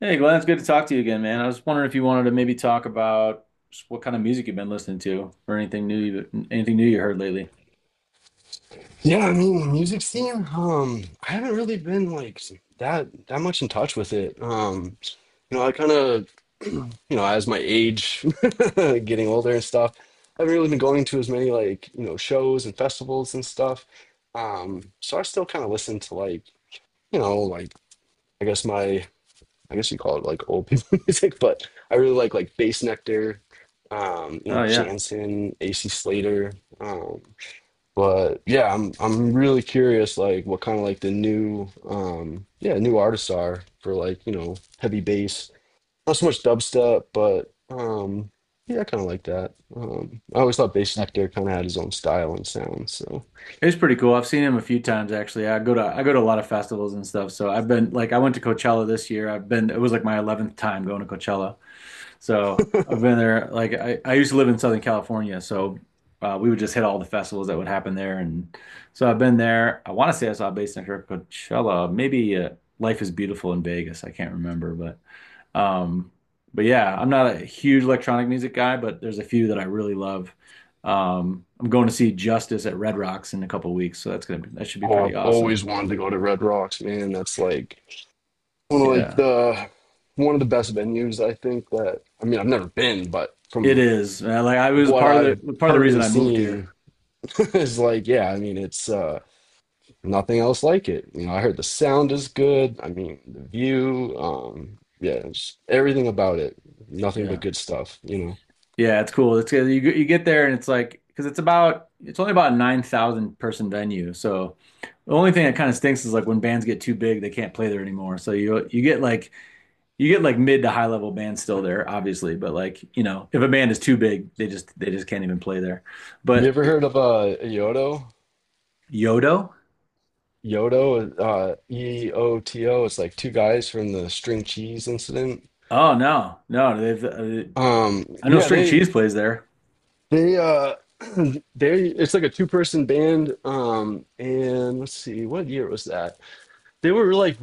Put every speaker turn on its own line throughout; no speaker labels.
Hey Glenn, it's good to talk to you again, man. I was wondering if you wanted to maybe talk about just what kind of music you've been listening to, or anything new you heard lately.
Yeah, I mean, music scene. I haven't really been like that much in touch with it. You know, I kind of, you know, as my age, getting older and stuff, I haven't really been going to as many like, you know, shows and festivals and stuff. So I still kind of listen to like, you know, like I guess my, I guess you call it like old people music, but I really like Bass Nectar, you know,
Oh yeah,
Jansen, AC Slater. um. But yeah, I'm really curious like what kind of like the new yeah, new artists are for like, you know, heavy bass. Not so much dubstep, but yeah, I kind of like that. I always thought Bass Nectar kind of had his own style and sound, so
he's pretty cool. I've seen him a few times actually. I go to a lot of festivals and stuff. So I've been like I went to Coachella this year. I've been It was like my 11th time going to Coachella. So I've been there. I used to live in Southern California, so we would just hit all the festivals that would happen there. And so I've been there. I want to say I saw Bass Hunter at Coachella. Maybe Life is Beautiful in Vegas. I can't remember, but Um, but yeah, I'm not a huge electronic music guy, but there's a few that I really love. I'm going to see Justice at Red Rocks in a couple weeks, so that should be
oh,
pretty
I've
awesome.
always wanted to go to Red Rocks, man. That's like one of like
Yeah,
the one of the best venues I think that I mean, I've never been, but
it
from
is, man. Like I was
what I've
part of the
heard
reason
and
I moved here.
seen, is like, yeah, I mean, it's nothing else like it. You know, I heard the sound is good. I mean, the view, yeah, just everything about it. Nothing but
Yeah,
good stuff, you know.
yeah, it's cool. It's you get there and it's like because it's only about a 9,000 person venue, so the only thing that kind of stinks is like when bands get too big, they can't play there anymore. So you get like mid to high level bands still there, obviously, but, like, you know, if a band is too big, they just can't even play there.
You
But
ever heard of Yodo?
Yodo?
Yodo, EOTO. It's like two guys from the String Cheese Incident.
Oh no. No, they've I know
Yeah,
String Cheese plays there.
they they it's like a two-person band. And let's see, what year was that? They were like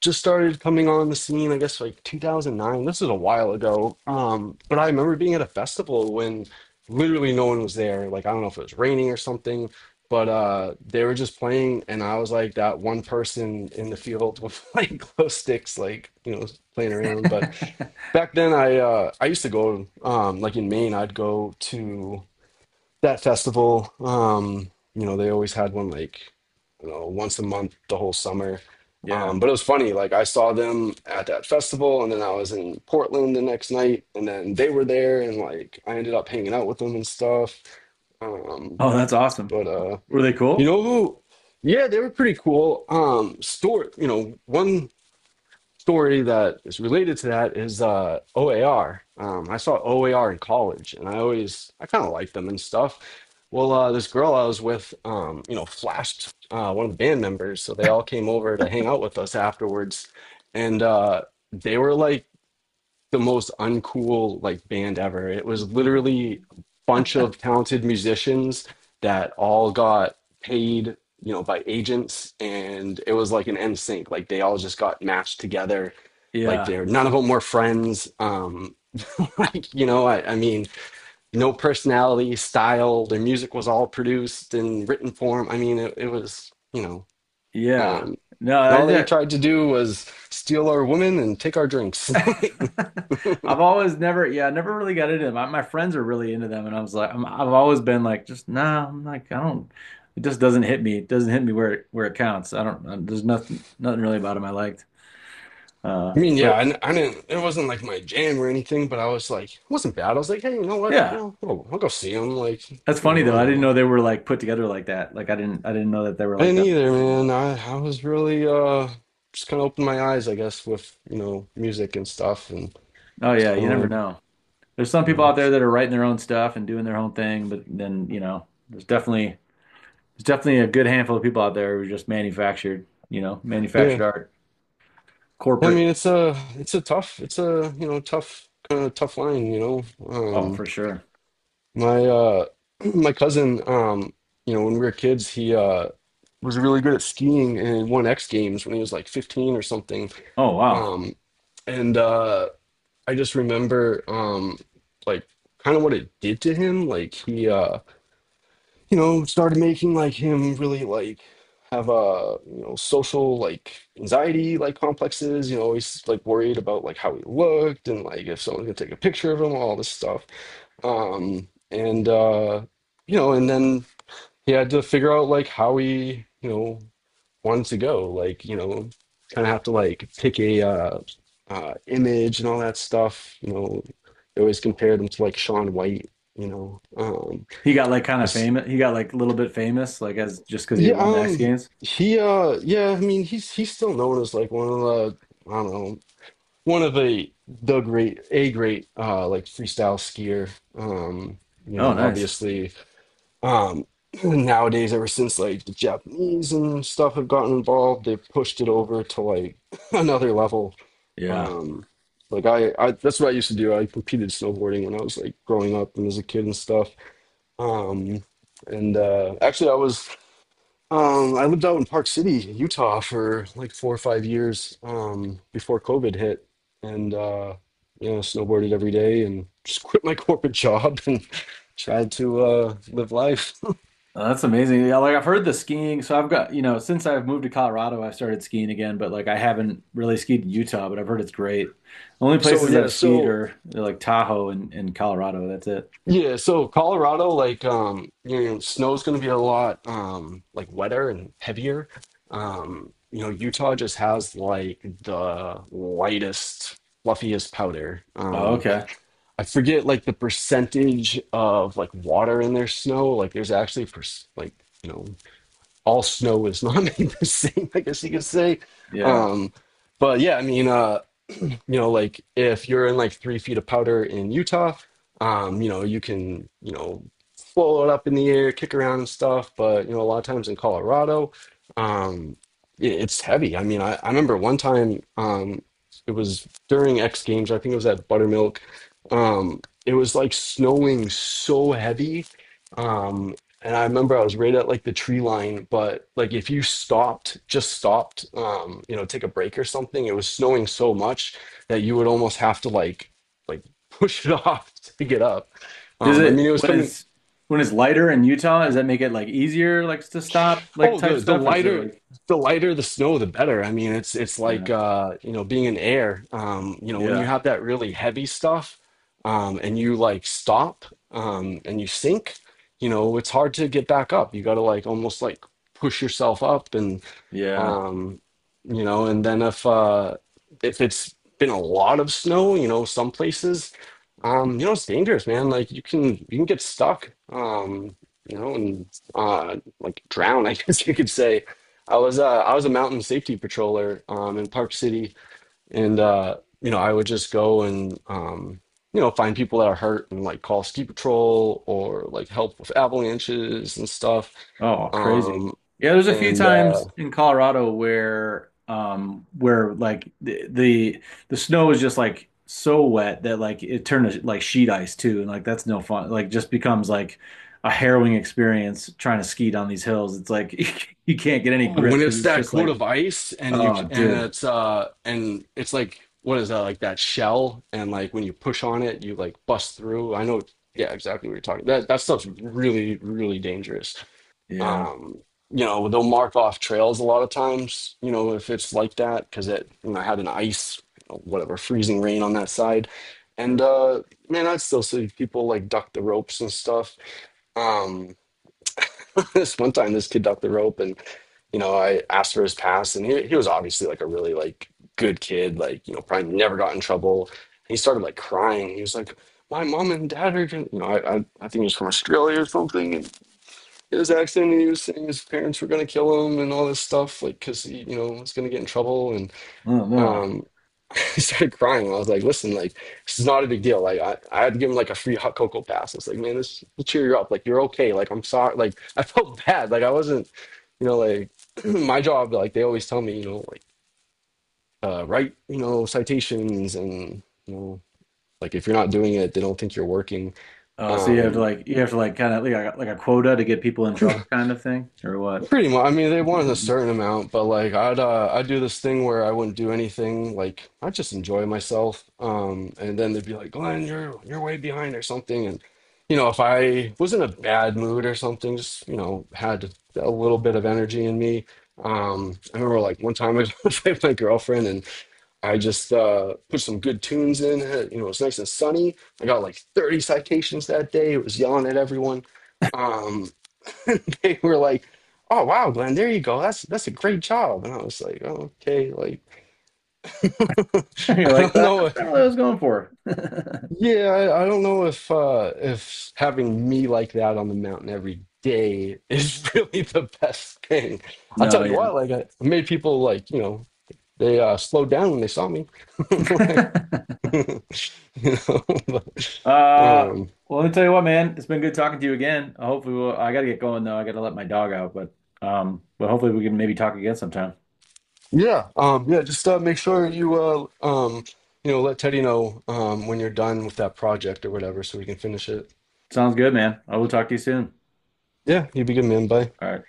just started coming on the scene, I guess like 2009. This is a while ago. But I remember being at a festival when literally no one was there. Like, I don't know if it was raining or something, but they were just playing. And I was like that one person in the field with like glow sticks, like, you know, playing around. But back then I used to go like in Maine I'd go to that festival. You know, they always had one like, you know, once a month the whole summer.
Yeah.
But it was funny, like I saw them at that festival and then I was in Portland the next night and then they were there and like I ended up hanging out with them and stuff. Um,
Oh, that's awesome.
but
Were they
you
cool?
know who? Yeah, they were pretty cool. Stuart. You know, one story that is related to that is OAR. I saw OAR in college, and I kind of liked them and stuff. Well, this girl I was with, you know, flashed one of the band members, so they all came over to hang out with us afterwards, and they were like the most uncool like band ever. It was literally a bunch of talented musicians that all got paid, you know, by agents, and it was like an NSYNC. Like they all just got matched together. Like
Yeah.
they're none of them were friends. Like you know, I mean, no personality, style. Their music was all produced in written form. I mean, it, it was.
Yeah.
Um, and
No,
all they
that.
tried to do was steal our women and take our drinks.
I've always never, yeah, I never really got into them. My friends are really into them, and I was like, I'm, I've always been like, just nah, I'm like, I don't. It just doesn't hit me. It doesn't hit me where it counts. I don't. There's nothing really about them I liked.
I mean, yeah,
But
I didn't. It wasn't like my jam or anything, but I was like, it wasn't bad. I was like, hey, you know what? You
yeah,
know, I'll go see him. Like, you
that's funny
know, I
though. I
don't
didn't
know.
know they were like put together like that. Like I didn't know that they were
I
like
didn't
that.
either, man. I was really just kind of opened my eyes, I guess, with you know music and stuff, and
Oh
it's
yeah,
kind
you
of
never
like,
know. There's some
you
people
know,
out there that are writing their own stuff and doing their own thing, but then, you know, there's definitely a good handful of people out there who just manufactured, you know,
yeah.
manufactured art.
I
Corporate.
mean, it's a tough it's a you know tough kind of tough line, you know.
Oh,
Um,
for sure.
My my cousin, you know, when we were kids, he was really good at skiing and won X Games when he was like 15 or something.
Oh wow,
Um and I just remember like kind of what it did to him. Like he you know, started making like him really like have you know social like anxiety like complexes. You know, always like worried about like how he looked and like if someone's gonna take a picture of him, all this stuff. And you know, and then he had to figure out like how he you know wanted to go. Like you know, kind of have to like pick a image and all that stuff. You know, they always compared him to like Sean White. You know,
he got like kind of
because
famous. He got like a little bit famous, like as just because he had
yeah,
won the X Games.
he, yeah, I mean, he's still known as like one of the, I don't know, one of the great a great like freestyle skier. Um, you
Oh,
know,
nice.
obviously, um, nowadays ever since like the Japanese and stuff have gotten involved, they've pushed it over to like another level.
Yeah.
Um, like I that's what I used to do. I competed snowboarding when I was like growing up and as a kid and stuff. Um, and actually, I was. I lived out in Park City, Utah for like four or five years, before COVID hit. And, you know, snowboarded every day and just quit my corporate job and tried to live life.
That's amazing. Yeah, like I've heard the skiing. So I've got, you know, since I've moved to Colorado, I've started skiing again. But like I haven't really skied in Utah, but I've heard it's great. The only
So,
places
yeah,
I've skied
so,
are like Tahoe and Colorado. That's it.
yeah, so Colorado, like, you know, snow's going to be a lot like wetter and heavier. You know, Utah just has like the lightest, fluffiest powder.
Oh, okay.
I forget like the percentage of like water in their snow. Like there's actually per like you know all snow is not made the same. I guess you could say.
Yeah.
Um, but yeah, I mean, you know, like if you're in like 3 feet of powder in Utah, you know, you can, you know, float it up in the air, kick around and stuff. But, you know, a lot of times in Colorado, um, it's heavy. I mean, I remember one time, it was during X Games, I think it was at Buttermilk. It was like snowing so heavy. Um, and I remember I was right at like the tree line, but like if you stopped, just stopped, you know, take a break or something, it was snowing so much that you would almost have to like push it off to get up.
Does
I mean,
it
it was coming.
when it's lighter in Utah, does that make it like easier like to stop like
Oh,
type stuff or is it like?
the lighter the snow, the better. I mean, it's
Yeah.
like you know being in air. You know, when you
Yeah.
have that really heavy stuff, and you like stop and you sink, you know, it's hard to get back up. You got to like almost like push yourself up and.
Yeah.
um you know, and then if it's been a lot of snow, you know, some places, you know, it's dangerous, man. Like you can get stuck, you know, and like drown. I guess you could say I was a mountain safety patroller in Park City, and you know, I would just go and you know find people that are hurt and like call ski patrol or like help with avalanches and stuff.
Oh, crazy.
Um
Yeah, there's a few
and uh
times in Colorado where like the snow is just like so wet that like it turned to like sheet ice too and like that's no fun. Like just becomes like a harrowing experience trying to ski down these hills. It's like, you can't get any
Oh,
grip
when
because
it's
it's
that
just
coat
like
of ice,
oh dude.
and it's like what is that, like that shell, and like when you push on it you like bust through. I know, yeah, exactly what you're talking. That stuff's really, really dangerous.
Yeah.
Um you know, they'll mark off trails a lot of times. You know, if it's like that because it, you know, had an ice, whatever, freezing rain on that side. And man, I still see people like duck the ropes and stuff. Um this one time this kid ducked the rope, and you know, I asked for his pass, and he was obviously like a really like good kid, like you know, probably never got in trouble. And he started like crying. He was like, "My mom and dad are gonna," you know, I think he was from Australia or something, and in his accent. And he was saying his parents were gonna kill him and all this stuff, like because he, you know, was gonna get in trouble. And.
I don't know.
Um, I started crying. I was like, listen, like, this is not a big deal. Like, I had to give him like a free hot cocoa pass. It's like, man, this will cheer you up. Like, you're okay. Like, I'm sorry. Like, I felt bad. Like, I wasn't, you know, like, my job, like, they always tell me, you know, like, write, you know, citations and, you know, like, if you're not doing it, they don't think you're working.
Oh, so you have to
Um,
like kind of like like a quota to get people in trouble kind of thing or what?
Pretty much. I mean, they wanted a certain amount, but like I'd do this thing where I wouldn't do anything. Like I just enjoy myself. And then they'd be like, "Glenn, you're way behind or something." And you know, if I was in a bad mood or something, just you know, had a little bit of energy in me. I remember like one time I was with my girlfriend, and I just put some good tunes in. You know, it was nice and sunny. I got like 30 citations that day. It was yelling at everyone. Um, they were like, "Oh wow, Glenn, there you go. That's a great job." And I was like, oh, "Okay, like
You're
I
like,
don't
ah,
know.
that's not really
If,
what I was going for.
yeah, I don't know if having me like that on the mountain every day is really the best thing. I'll
No,
tell you
yeah.
what. Like I made people like you know they slowed down when they saw me. Like, you know, but,
Uh,
um.
well, let me tell you what, man. It's been good talking to you again. Hopefully, I gotta get going though. I gotta let my dog out, but hopefully we can maybe talk again sometime.
Yeah, yeah. Just make sure you, you know, let Teddy know when you're done with that project or whatever, so we can finish it.
Sounds good, man. I will talk to you soon.
Yeah, you'd be good, man. Bye.
All right.